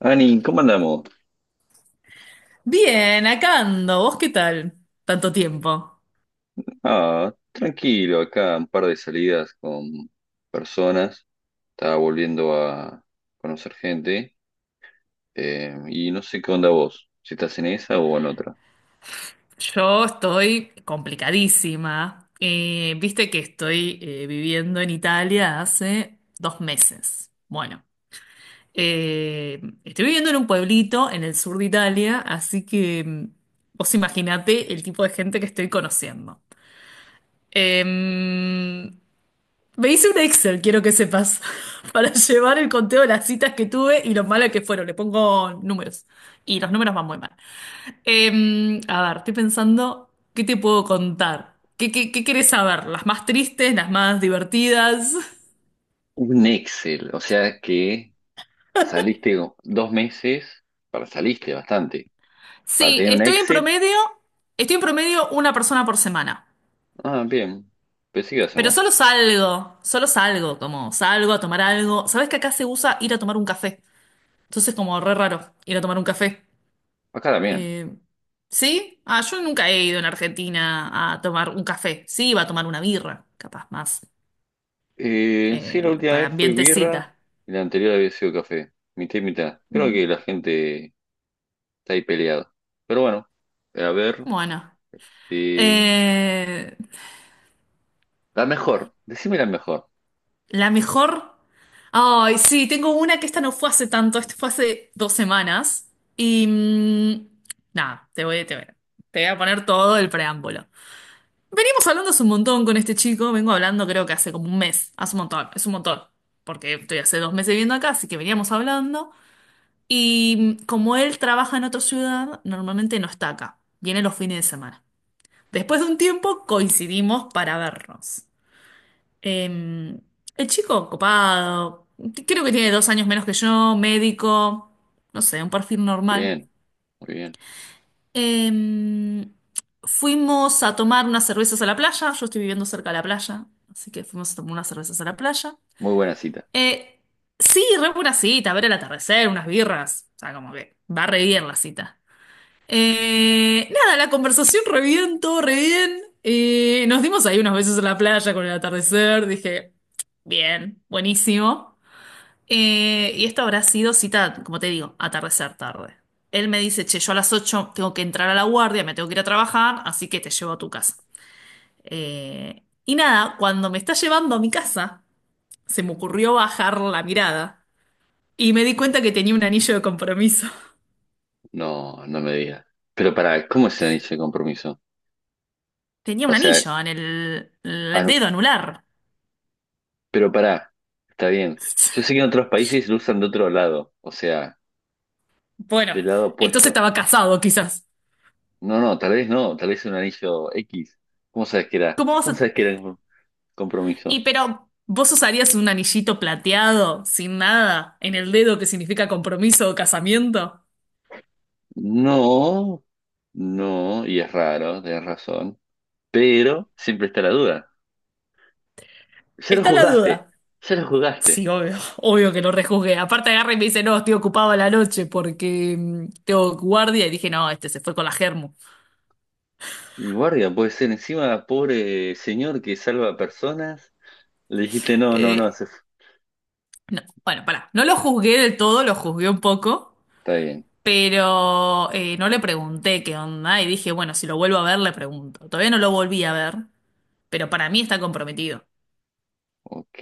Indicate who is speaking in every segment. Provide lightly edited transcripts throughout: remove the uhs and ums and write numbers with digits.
Speaker 1: Ani, ¿cómo andamos?
Speaker 2: Bien, acá ando. ¿Vos qué tal? Tanto tiempo.
Speaker 1: Ah, tranquilo, acá un par de salidas con personas. Estaba volviendo a conocer gente. Y no sé qué onda vos, si estás en esa o en otra.
Speaker 2: Yo estoy complicadísima. Viste que estoy viviendo en Italia hace 2 meses. Bueno, estoy viviendo en un pueblito en el sur de Italia, así que vos imaginate el tipo de gente que estoy conociendo. Em, Me hice un Excel, quiero que sepas, para llevar el conteo de las citas que tuve y lo malas que fueron. Le pongo números y los números van muy mal. A ver, estoy pensando, ¿qué te puedo contar? ¿Qué querés saber? ¿Las más tristes, las más divertidas?
Speaker 1: Un Excel, o sea que saliste dos meses, para saliste bastante. Para
Speaker 2: Sí,
Speaker 1: tener un
Speaker 2: estoy en
Speaker 1: Excel,
Speaker 2: promedio, estoy en promedio una persona por semana.
Speaker 1: ah, bien, pensé que iba a ser
Speaker 2: Pero
Speaker 1: más.
Speaker 2: solo salgo, como salgo a tomar algo. ¿Sabés que acá se usa ir a tomar un café? Entonces como re raro ir a tomar un café.
Speaker 1: Acá también.
Speaker 2: Eh, ¿sí? Ah, yo nunca he ido en Argentina a tomar un café. Sí, iba a tomar una birra, capaz más,
Speaker 1: Sí, la última
Speaker 2: para
Speaker 1: vez fue birra
Speaker 2: ambientecita.
Speaker 1: y la anterior había sido café, mitad y mitad. Creo
Speaker 2: Mm.
Speaker 1: que la gente está ahí peleado. Pero bueno, a ver.
Speaker 2: Bueno.
Speaker 1: eh,
Speaker 2: Eh,
Speaker 1: la mejor. Decime la mejor.
Speaker 2: la mejor. Ay, sí, tengo una que esta no fue hace tanto, esto fue hace 2 semanas. Y nada, te voy a poner todo el preámbulo. Venimos hablando hace un montón con este chico, vengo hablando creo que hace como un mes, hace un montón, es un montón, porque estoy hace 2 meses viviendo acá, así que veníamos hablando. Y como él trabaja en otra ciudad, normalmente no está acá, viene los fines de semana. Después de un tiempo coincidimos para vernos. Eh, el chico copado, creo que tiene 2 años menos que yo, médico, no sé, un perfil normal.
Speaker 1: Bien, bien.
Speaker 2: Eh, Fuimos a tomar unas cervezas a la playa, yo estoy viviendo cerca de la playa, así que fuimos a tomar unas cervezas a la playa.
Speaker 1: Muy buena cita.
Speaker 2: Eh, sí, re buena cita, ver el atardecer, unas birras, o sea, como que va re bien la cita. Nada, la conversación re bien, todo re bien. Nos dimos ahí unas veces en la playa con el atardecer. Dije, bien, buenísimo. Y esto habrá sido cita, como te digo, atardecer tarde. Él me dice, che, yo a las 8 tengo que entrar a la guardia, me tengo que ir a trabajar, así que te llevo a tu casa. Y nada, cuando me está llevando a mi casa, se me ocurrió bajar la mirada y me di cuenta que tenía un anillo de compromiso.
Speaker 1: No, no me digas. Pero pará, ¿cómo es el anillo de compromiso?
Speaker 2: Tenía
Speaker 1: O
Speaker 2: un
Speaker 1: sea,
Speaker 2: anillo en el en
Speaker 1: ah,
Speaker 2: el
Speaker 1: no,
Speaker 2: dedo anular.
Speaker 1: pero pará, está bien. Yo sé que en otros países lo usan de otro lado, o sea,
Speaker 2: Bueno,
Speaker 1: del lado
Speaker 2: entonces
Speaker 1: opuesto.
Speaker 2: estaba casado, quizás.
Speaker 1: No, no, tal vez no, tal vez es un anillo X. ¿Cómo sabes que era?
Speaker 2: ¿Cómo vas
Speaker 1: ¿Cómo
Speaker 2: a...?
Speaker 1: sabes que era un
Speaker 2: Y
Speaker 1: compromiso?
Speaker 2: pero, ¿vos usarías un anillito plateado, sin nada, en el dedo que significa compromiso o casamiento?
Speaker 1: No, no, y es raro, tenés razón. Pero siempre está la duda. Ya lo
Speaker 2: Está la
Speaker 1: juzgaste,
Speaker 2: duda.
Speaker 1: ya lo
Speaker 2: Sí,
Speaker 1: juzgaste.
Speaker 2: obvio, obvio que lo rejuzgué. Aparte agarra y me dice, no, estoy ocupado a la noche porque tengo guardia. Y dije, no, este se fue con la germu.
Speaker 1: Y guardia, puede ser encima, pobre señor que salva personas. Le dijiste, no, no, no,
Speaker 2: Eh,
Speaker 1: se fu-".
Speaker 2: no, bueno, pará. No lo juzgué del todo, lo juzgué un poco,
Speaker 1: Está bien,
Speaker 2: pero no le pregunté qué onda. Y dije, bueno, si lo vuelvo a ver, le pregunto. Todavía no lo volví a ver. Pero para mí está comprometido.
Speaker 1: ok.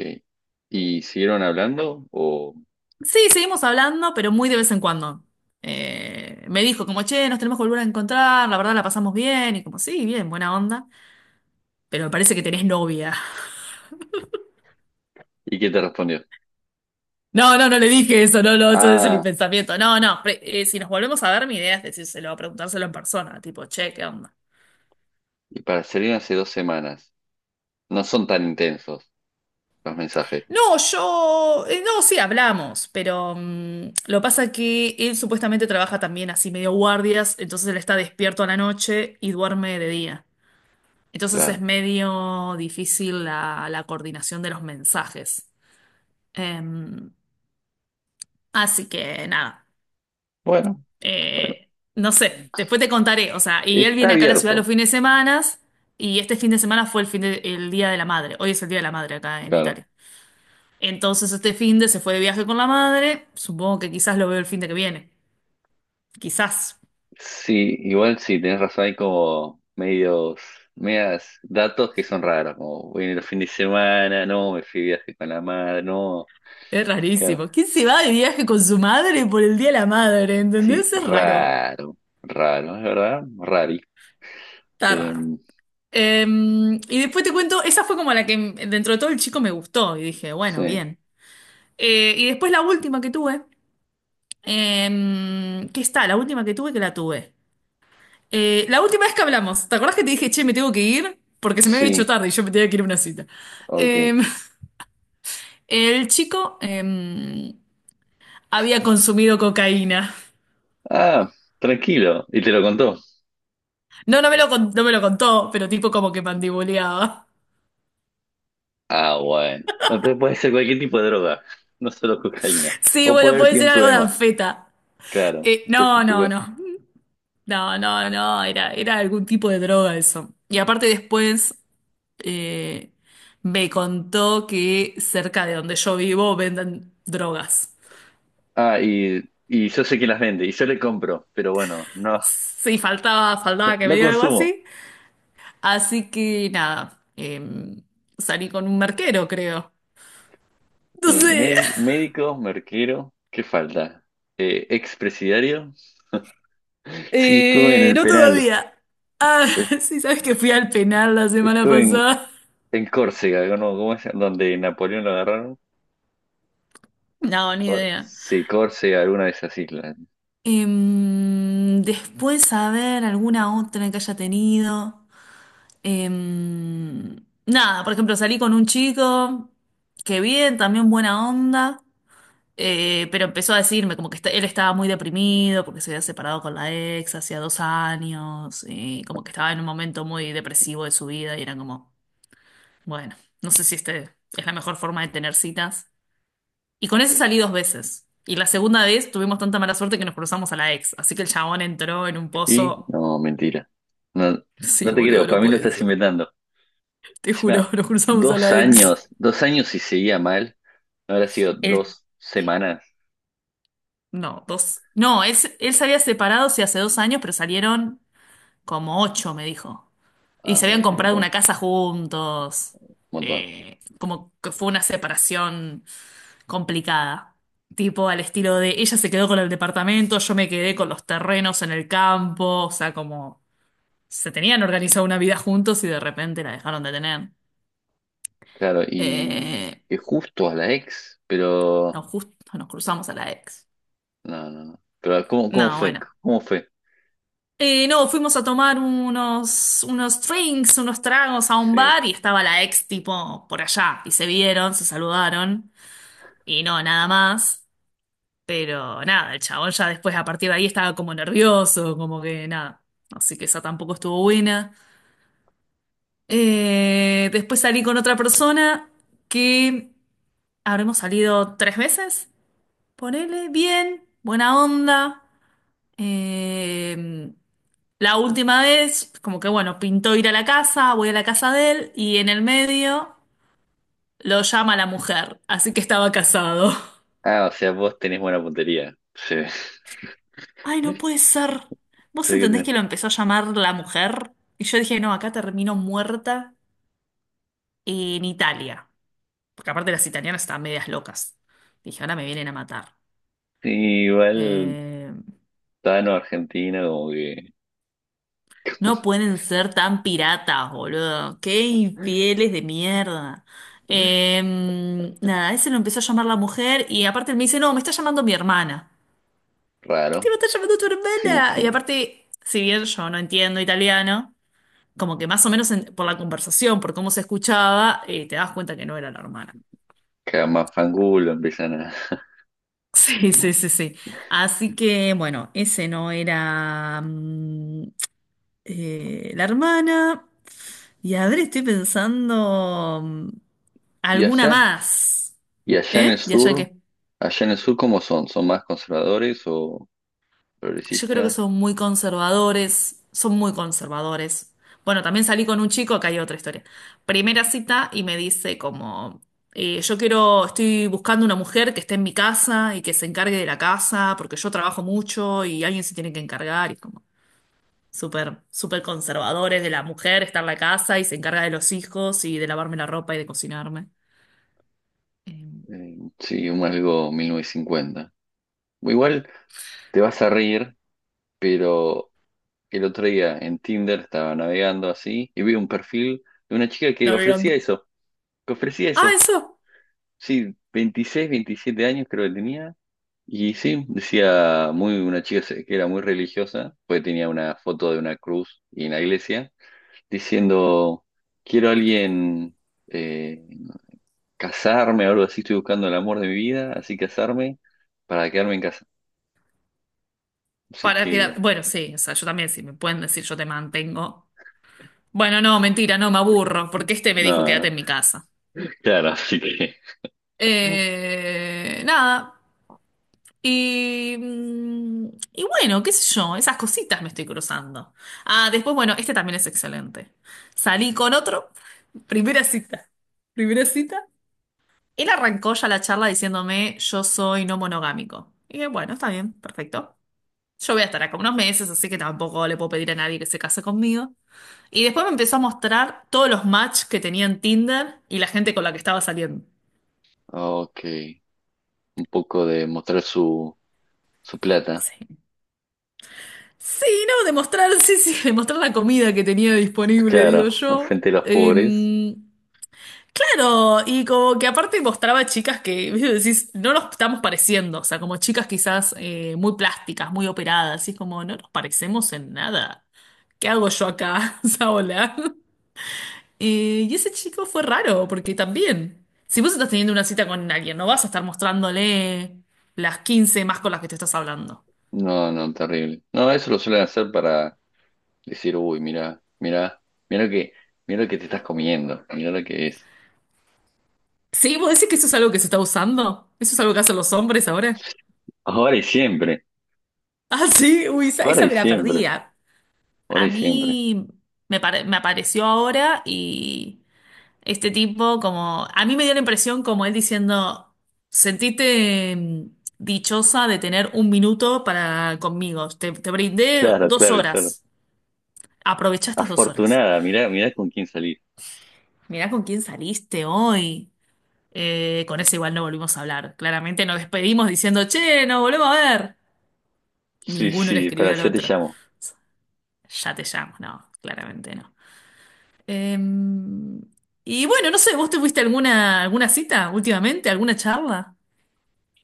Speaker 1: ¿Y siguieron hablando?
Speaker 2: Sí, seguimos hablando, pero muy de vez en cuando. Me dijo como, che, nos tenemos que volver a encontrar, la verdad la pasamos bien, y como, sí, bien, buena onda, pero me parece que tenés novia.
Speaker 1: ¿Y qué te respondió?
Speaker 2: No, no, no le dije eso, no, no, eso ese es mi
Speaker 1: Ah,
Speaker 2: pensamiento. No, no, si nos volvemos a ver, mi idea es decírselo, preguntárselo en persona, tipo, che, ¿qué onda?
Speaker 1: y para salir hace dos semanas. No son tan intensos los mensajes,
Speaker 2: No, no, sí, hablamos, pero lo pasa que él supuestamente trabaja también así medio guardias, entonces él está despierto a la noche y duerme de día. Entonces es
Speaker 1: claro.
Speaker 2: medio difícil la coordinación de los mensajes. Em, Así que nada,
Speaker 1: Bueno,
Speaker 2: no sé, después te contaré. O sea, y él
Speaker 1: está
Speaker 2: viene acá a la ciudad los
Speaker 1: abierto,
Speaker 2: fines de semana y este fin de semana fue el Día de la Madre. Hoy es el Día de la Madre acá en
Speaker 1: claro.
Speaker 2: Italia. Entonces este fin de se fue de viaje con la madre. Supongo que quizás lo veo el fin de que viene. Quizás.
Speaker 1: Sí, igual sí, tenés razón, hay como medios, medias datos que son raros, como voy en el fin de semana, no, me fui de viaje con la madre, no,
Speaker 2: Es
Speaker 1: claro,
Speaker 2: rarísimo. ¿Quién se va de viaje con su madre por el Día de la Madre?
Speaker 1: sí,
Speaker 2: ¿Entendés? Es raro.
Speaker 1: raro, raro, es verdad.
Speaker 2: Está raro.
Speaker 1: Em,
Speaker 2: Eh, y después te cuento, esa fue como la que dentro de todo el chico me gustó y dije, bueno,
Speaker 1: sí,
Speaker 2: bien. Y después la última que tuve, ¿qué está? La última que tuve que la tuve. La última vez que hablamos, ¿te acordás que te dije, che, me tengo que ir? Porque se me había hecho
Speaker 1: sí,
Speaker 2: tarde y yo me tenía que ir a una cita.
Speaker 1: ok,
Speaker 2: Eh, el chico había consumido cocaína.
Speaker 1: ah, tranquilo, y te lo contó,
Speaker 2: No, no me lo contó, pero tipo como que mandibuleaba.
Speaker 1: ah, bueno, entonces puede ser cualquier tipo de droga, no solo cocaína,
Speaker 2: Sí,
Speaker 1: o puede
Speaker 2: bueno,
Speaker 1: haber
Speaker 2: puede
Speaker 1: tenido
Speaker 2: ser
Speaker 1: un
Speaker 2: algo de
Speaker 1: problema,
Speaker 2: anfeta.
Speaker 1: claro, pues un
Speaker 2: No, no,
Speaker 1: poco,
Speaker 2: no. No, no, no, era algún tipo de droga eso. Y aparte después eh, me contó que cerca de donde yo vivo venden drogas.
Speaker 1: ah, y yo sé que las vende, y yo le compro, pero bueno, no.
Speaker 2: Sí, faltaba que me
Speaker 1: No
Speaker 2: diga algo
Speaker 1: consumo.
Speaker 2: así. Así que nada, salí con un marquero, creo.
Speaker 1: Bien,
Speaker 2: Entonces,
Speaker 1: médico, merquero, ¿qué falta? Expresidiario. Sí, estuve en el
Speaker 2: no
Speaker 1: penal.
Speaker 2: todavía. Ah,
Speaker 1: Eh,
Speaker 2: sí, sabes que fui al penal la semana
Speaker 1: Estuve en,
Speaker 2: pasada.
Speaker 1: en Córcega, ¿no? ¿Cómo es? Donde Napoleón lo agarraron.
Speaker 2: No, ni
Speaker 1: Cor-
Speaker 2: idea.
Speaker 1: sí, Córcega, alguna de esas islas.
Speaker 2: Después, a ver, alguna otra que haya tenido. Em, Nada, por ejemplo, salí con un chico que bien, también buena onda, pero empezó a decirme como que él estaba muy deprimido porque se había separado con la ex hacía 2 años y como que estaba en un momento muy depresivo de su vida y era como, bueno, no sé si este es la mejor forma de tener citas. Y con ese salí dos veces. Y la segunda vez tuvimos tanta mala suerte que nos cruzamos a la ex, así que el chabón entró en un
Speaker 1: ¿Y?
Speaker 2: pozo.
Speaker 1: No, mentira. No,
Speaker 2: Sí,
Speaker 1: no te creo,
Speaker 2: boludo,
Speaker 1: para
Speaker 2: no
Speaker 1: mí lo
Speaker 2: puede
Speaker 1: estás
Speaker 2: ser.
Speaker 1: inventando.
Speaker 2: Te juro,
Speaker 1: Encima,
Speaker 2: nos cruzamos a la ex.
Speaker 1: dos años y seguía mal. ¿No habrá sido
Speaker 2: El
Speaker 1: dos semanas?
Speaker 2: No, dos. No, él se había separado, sí, hace 2 años, pero salieron como ocho, me dijo. Y
Speaker 1: Ah,
Speaker 2: se
Speaker 1: bueno,
Speaker 2: habían
Speaker 1: es un
Speaker 2: comprado
Speaker 1: montón,
Speaker 2: una casa juntos.
Speaker 1: un montón.
Speaker 2: Como que fue una separación complicada. Tipo al estilo de ella se quedó con el departamento, yo me quedé con los terrenos en el campo. O sea, como se tenían organizado una vida juntos y de repente la dejaron de tener.
Speaker 1: Claro, y
Speaker 2: Eh,
Speaker 1: que justo a la ex, pero
Speaker 2: nos Justo nos cruzamos a la ex.
Speaker 1: no, no, no. Pero ¿cómo
Speaker 2: No,
Speaker 1: fue?
Speaker 2: bueno.
Speaker 1: ¿Cómo fue?
Speaker 2: No, fuimos a tomar unos drinks, unos tragos a un
Speaker 1: Sí.
Speaker 2: bar y estaba la ex tipo por allá y se vieron, se saludaron y no, nada más. Pero nada, el chabón ya después a partir de ahí estaba como nervioso, como que nada. Así que esa tampoco estuvo buena. Después salí con otra persona que habremos salido tres veces. Ponele bien, buena onda. Eh, la última vez, como que bueno, pintó ir a la casa, voy a la casa de él y en el medio lo llama la mujer, así que estaba casado.
Speaker 1: Ah, o sea, vos tenés buena puntería. Sí.
Speaker 2: Ay, no puede ser. ¿Vos
Speaker 1: Sé que
Speaker 2: entendés
Speaker 1: tenés.
Speaker 2: que lo empezó a llamar la mujer? Y yo dije, no, acá termino muerta en Italia. Porque aparte las italianas estaban medias locas. Dije, ahora me vienen a matar.
Speaker 1: Sí, igual
Speaker 2: Eh,
Speaker 1: Tano Argentina, como que
Speaker 2: No pueden ser tan piratas, boludo. Qué infieles de mierda. Nada, ese lo empezó a llamar la mujer y aparte él me dice, no, me está llamando mi hermana. ¿Qué te
Speaker 1: raro.
Speaker 2: va a estar llamando tu
Speaker 1: Sí,
Speaker 2: hermana? Y
Speaker 1: sí.
Speaker 2: aparte, si bien yo no entiendo italiano, como que más o menos por la conversación, por cómo se escuchaba, te das cuenta que no era la hermana.
Speaker 1: Cada más fangulo empiezan a.
Speaker 2: Sí, sí, sí, sí. Así que, bueno, ese no era la hermana. Y a ver, estoy pensando
Speaker 1: Y
Speaker 2: alguna
Speaker 1: allá,
Speaker 2: más.
Speaker 1: y allá en el
Speaker 2: ¿Eh? ¿Y allá
Speaker 1: sur,
Speaker 2: qué?
Speaker 1: allá en el sur, ¿cómo son? ¿Son más conservadores o
Speaker 2: Yo creo que
Speaker 1: progresistas?
Speaker 2: son muy conservadores. Son muy conservadores. Bueno, también salí con un chico, acá hay otra historia. Primera cita y me dice como, Yo quiero, estoy buscando una mujer que esté en mi casa y que se encargue de la casa, porque yo trabajo mucho y alguien se tiene que encargar. Y es como, súper, súper conservadores de la mujer, está en la casa y se encarga de los hijos y de lavarme la ropa y de cocinarme. Eh,
Speaker 1: Sí, un algo 1950. Igual. Te vas a reír, pero el otro día en Tinder estaba navegando así y vi un perfil de una chica que
Speaker 2: no,
Speaker 1: ofrecía
Speaker 2: mirando.
Speaker 1: eso, que ofrecía
Speaker 2: Ah,
Speaker 1: eso.
Speaker 2: eso.
Speaker 1: sí, 26, 27 años creo que tenía. Y sí, decía muy que era muy religiosa, pues tenía una foto de una cruz y en la iglesia, diciendo, quiero a alguien eh, casarme o algo así, estoy buscando el amor de mi vida, así casarme para quedarme en casa. Así
Speaker 2: Para quedar.
Speaker 1: que,
Speaker 2: Bueno, sí, o sea, yo también, si me pueden decir yo te mantengo. Bueno, no, mentira, no, me aburro, porque este me dijo quédate
Speaker 1: no,
Speaker 2: en mi casa.
Speaker 1: claro.
Speaker 2: Nada. Y, y bueno, qué sé yo, esas cositas me estoy cruzando. Ah, después, bueno, este también es excelente. Salí con otro, primera cita. Primera cita. Él arrancó ya la charla diciéndome, yo soy no monogámico. Y dije, bueno, está bien, perfecto. Yo voy a estar acá unos meses, así que tampoco le puedo pedir a nadie que se case conmigo. Y después me empezó a mostrar todos los match que tenía en Tinder y la gente con la que estaba saliendo.
Speaker 1: Ok, un poco de mostrar su plata.
Speaker 2: Sí. Sí, no, demostrar, sí, sí, demostrar la comida que tenía disponible,
Speaker 1: Claro,
Speaker 2: digo yo.
Speaker 1: frente a los pobres.
Speaker 2: Claro, y como que aparte mostraba chicas que, ¿viste? Decís, no nos estamos pareciendo, o sea, como chicas quizás muy plásticas, muy operadas, y es como, no nos parecemos en nada. ¿Qué hago yo acá? O sea, hola. Y ese chico fue raro, porque también, si vos estás teniendo una cita con alguien, no vas a estar mostrándole las 15 más con las que te estás hablando.
Speaker 1: No, no, terrible. No, eso lo suelen hacer para decir, uy, mira, mira, mira lo que, mira lo que te estás comiendo, mira lo que es.
Speaker 2: Sí, vos decís que eso es algo que se está usando, eso es algo que hacen los hombres ahora.
Speaker 1: Ahora y siempre,
Speaker 2: Ah, sí, uy, esa,
Speaker 1: ahora
Speaker 2: esa
Speaker 1: y
Speaker 2: me la
Speaker 1: siempre,
Speaker 2: perdía.
Speaker 1: ahora
Speaker 2: A
Speaker 1: y siempre.
Speaker 2: mí me apareció ahora y este tipo como... A mí me dio la impresión como él diciendo, sentiste dichosa de tener un minuto para conmigo. Te brindé
Speaker 1: Claro,
Speaker 2: dos
Speaker 1: claro, claro.
Speaker 2: horas. Aprovechá estas 2 horas.
Speaker 1: Afortunada, mira, mira con quién salir.
Speaker 2: Mirá con quién saliste hoy. Con ese igual no volvimos a hablar. Claramente nos despedimos diciendo, che, nos volvemos a ver.
Speaker 1: Sí,
Speaker 2: Ninguno le
Speaker 1: sí, para
Speaker 2: escribió al
Speaker 1: allá te
Speaker 2: otro.
Speaker 1: llamo.
Speaker 2: Ya te llamo. No, claramente no. Em, y bueno, no sé, ¿vos te fuiste a alguna cita últimamente? ¿Alguna charla?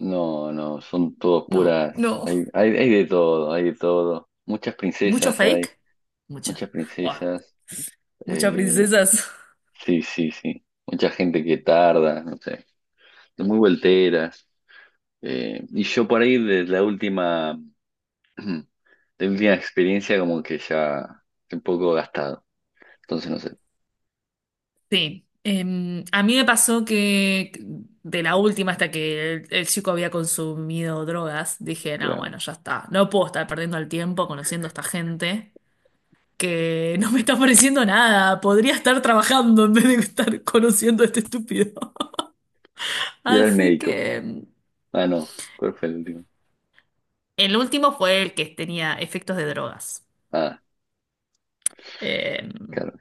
Speaker 1: No, no, son todos
Speaker 2: No,
Speaker 1: puras.
Speaker 2: no.
Speaker 1: Hay de todo, hay de todo. Muchas
Speaker 2: ¿Mucho
Speaker 1: princesas hay.
Speaker 2: fake? Mucho.
Speaker 1: Muchas
Speaker 2: Buah,
Speaker 1: princesas.
Speaker 2: muchas
Speaker 1: eh,
Speaker 2: princesas.
Speaker 1: sí, sí, sí. Mucha gente que tarda, no sé. Muy volteras. Y yo por ahí de la última, de la última experiencia como que ya estoy un poco gastado. Entonces no sé,
Speaker 2: Sí. A mí me pasó que de la última hasta que el chico había consumido drogas, dije, no,
Speaker 1: claro.
Speaker 2: bueno, ya está. No puedo estar perdiendo el tiempo conociendo a esta gente que no me está ofreciendo nada. Podría estar trabajando en vez de estar conociendo a este estúpido.
Speaker 1: Y era el
Speaker 2: Así
Speaker 1: médico.
Speaker 2: que...
Speaker 1: Ah, no. ¿Cuál fue el último?
Speaker 2: El último fue el que tenía efectos de drogas.
Speaker 1: Ah,
Speaker 2: Eh,
Speaker 1: claro.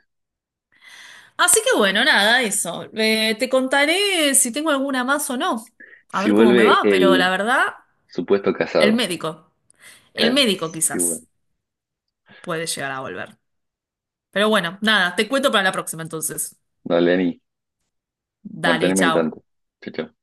Speaker 2: Así que bueno, nada, eso. Te contaré si tengo alguna más o no. A
Speaker 1: Si
Speaker 2: ver cómo me
Speaker 1: vuelve
Speaker 2: va, pero la
Speaker 1: el
Speaker 2: verdad,
Speaker 1: supuesto
Speaker 2: el
Speaker 1: casado.
Speaker 2: médico. El
Speaker 1: Claro.
Speaker 2: médico
Speaker 1: Si
Speaker 2: quizás
Speaker 1: vuelve.
Speaker 2: puede llegar a volver. Pero bueno, nada, te cuento para la próxima entonces.
Speaker 1: Dale, Ani.
Speaker 2: Dale,
Speaker 1: Manteneme al
Speaker 2: chao.
Speaker 1: tanto. Chao, chao.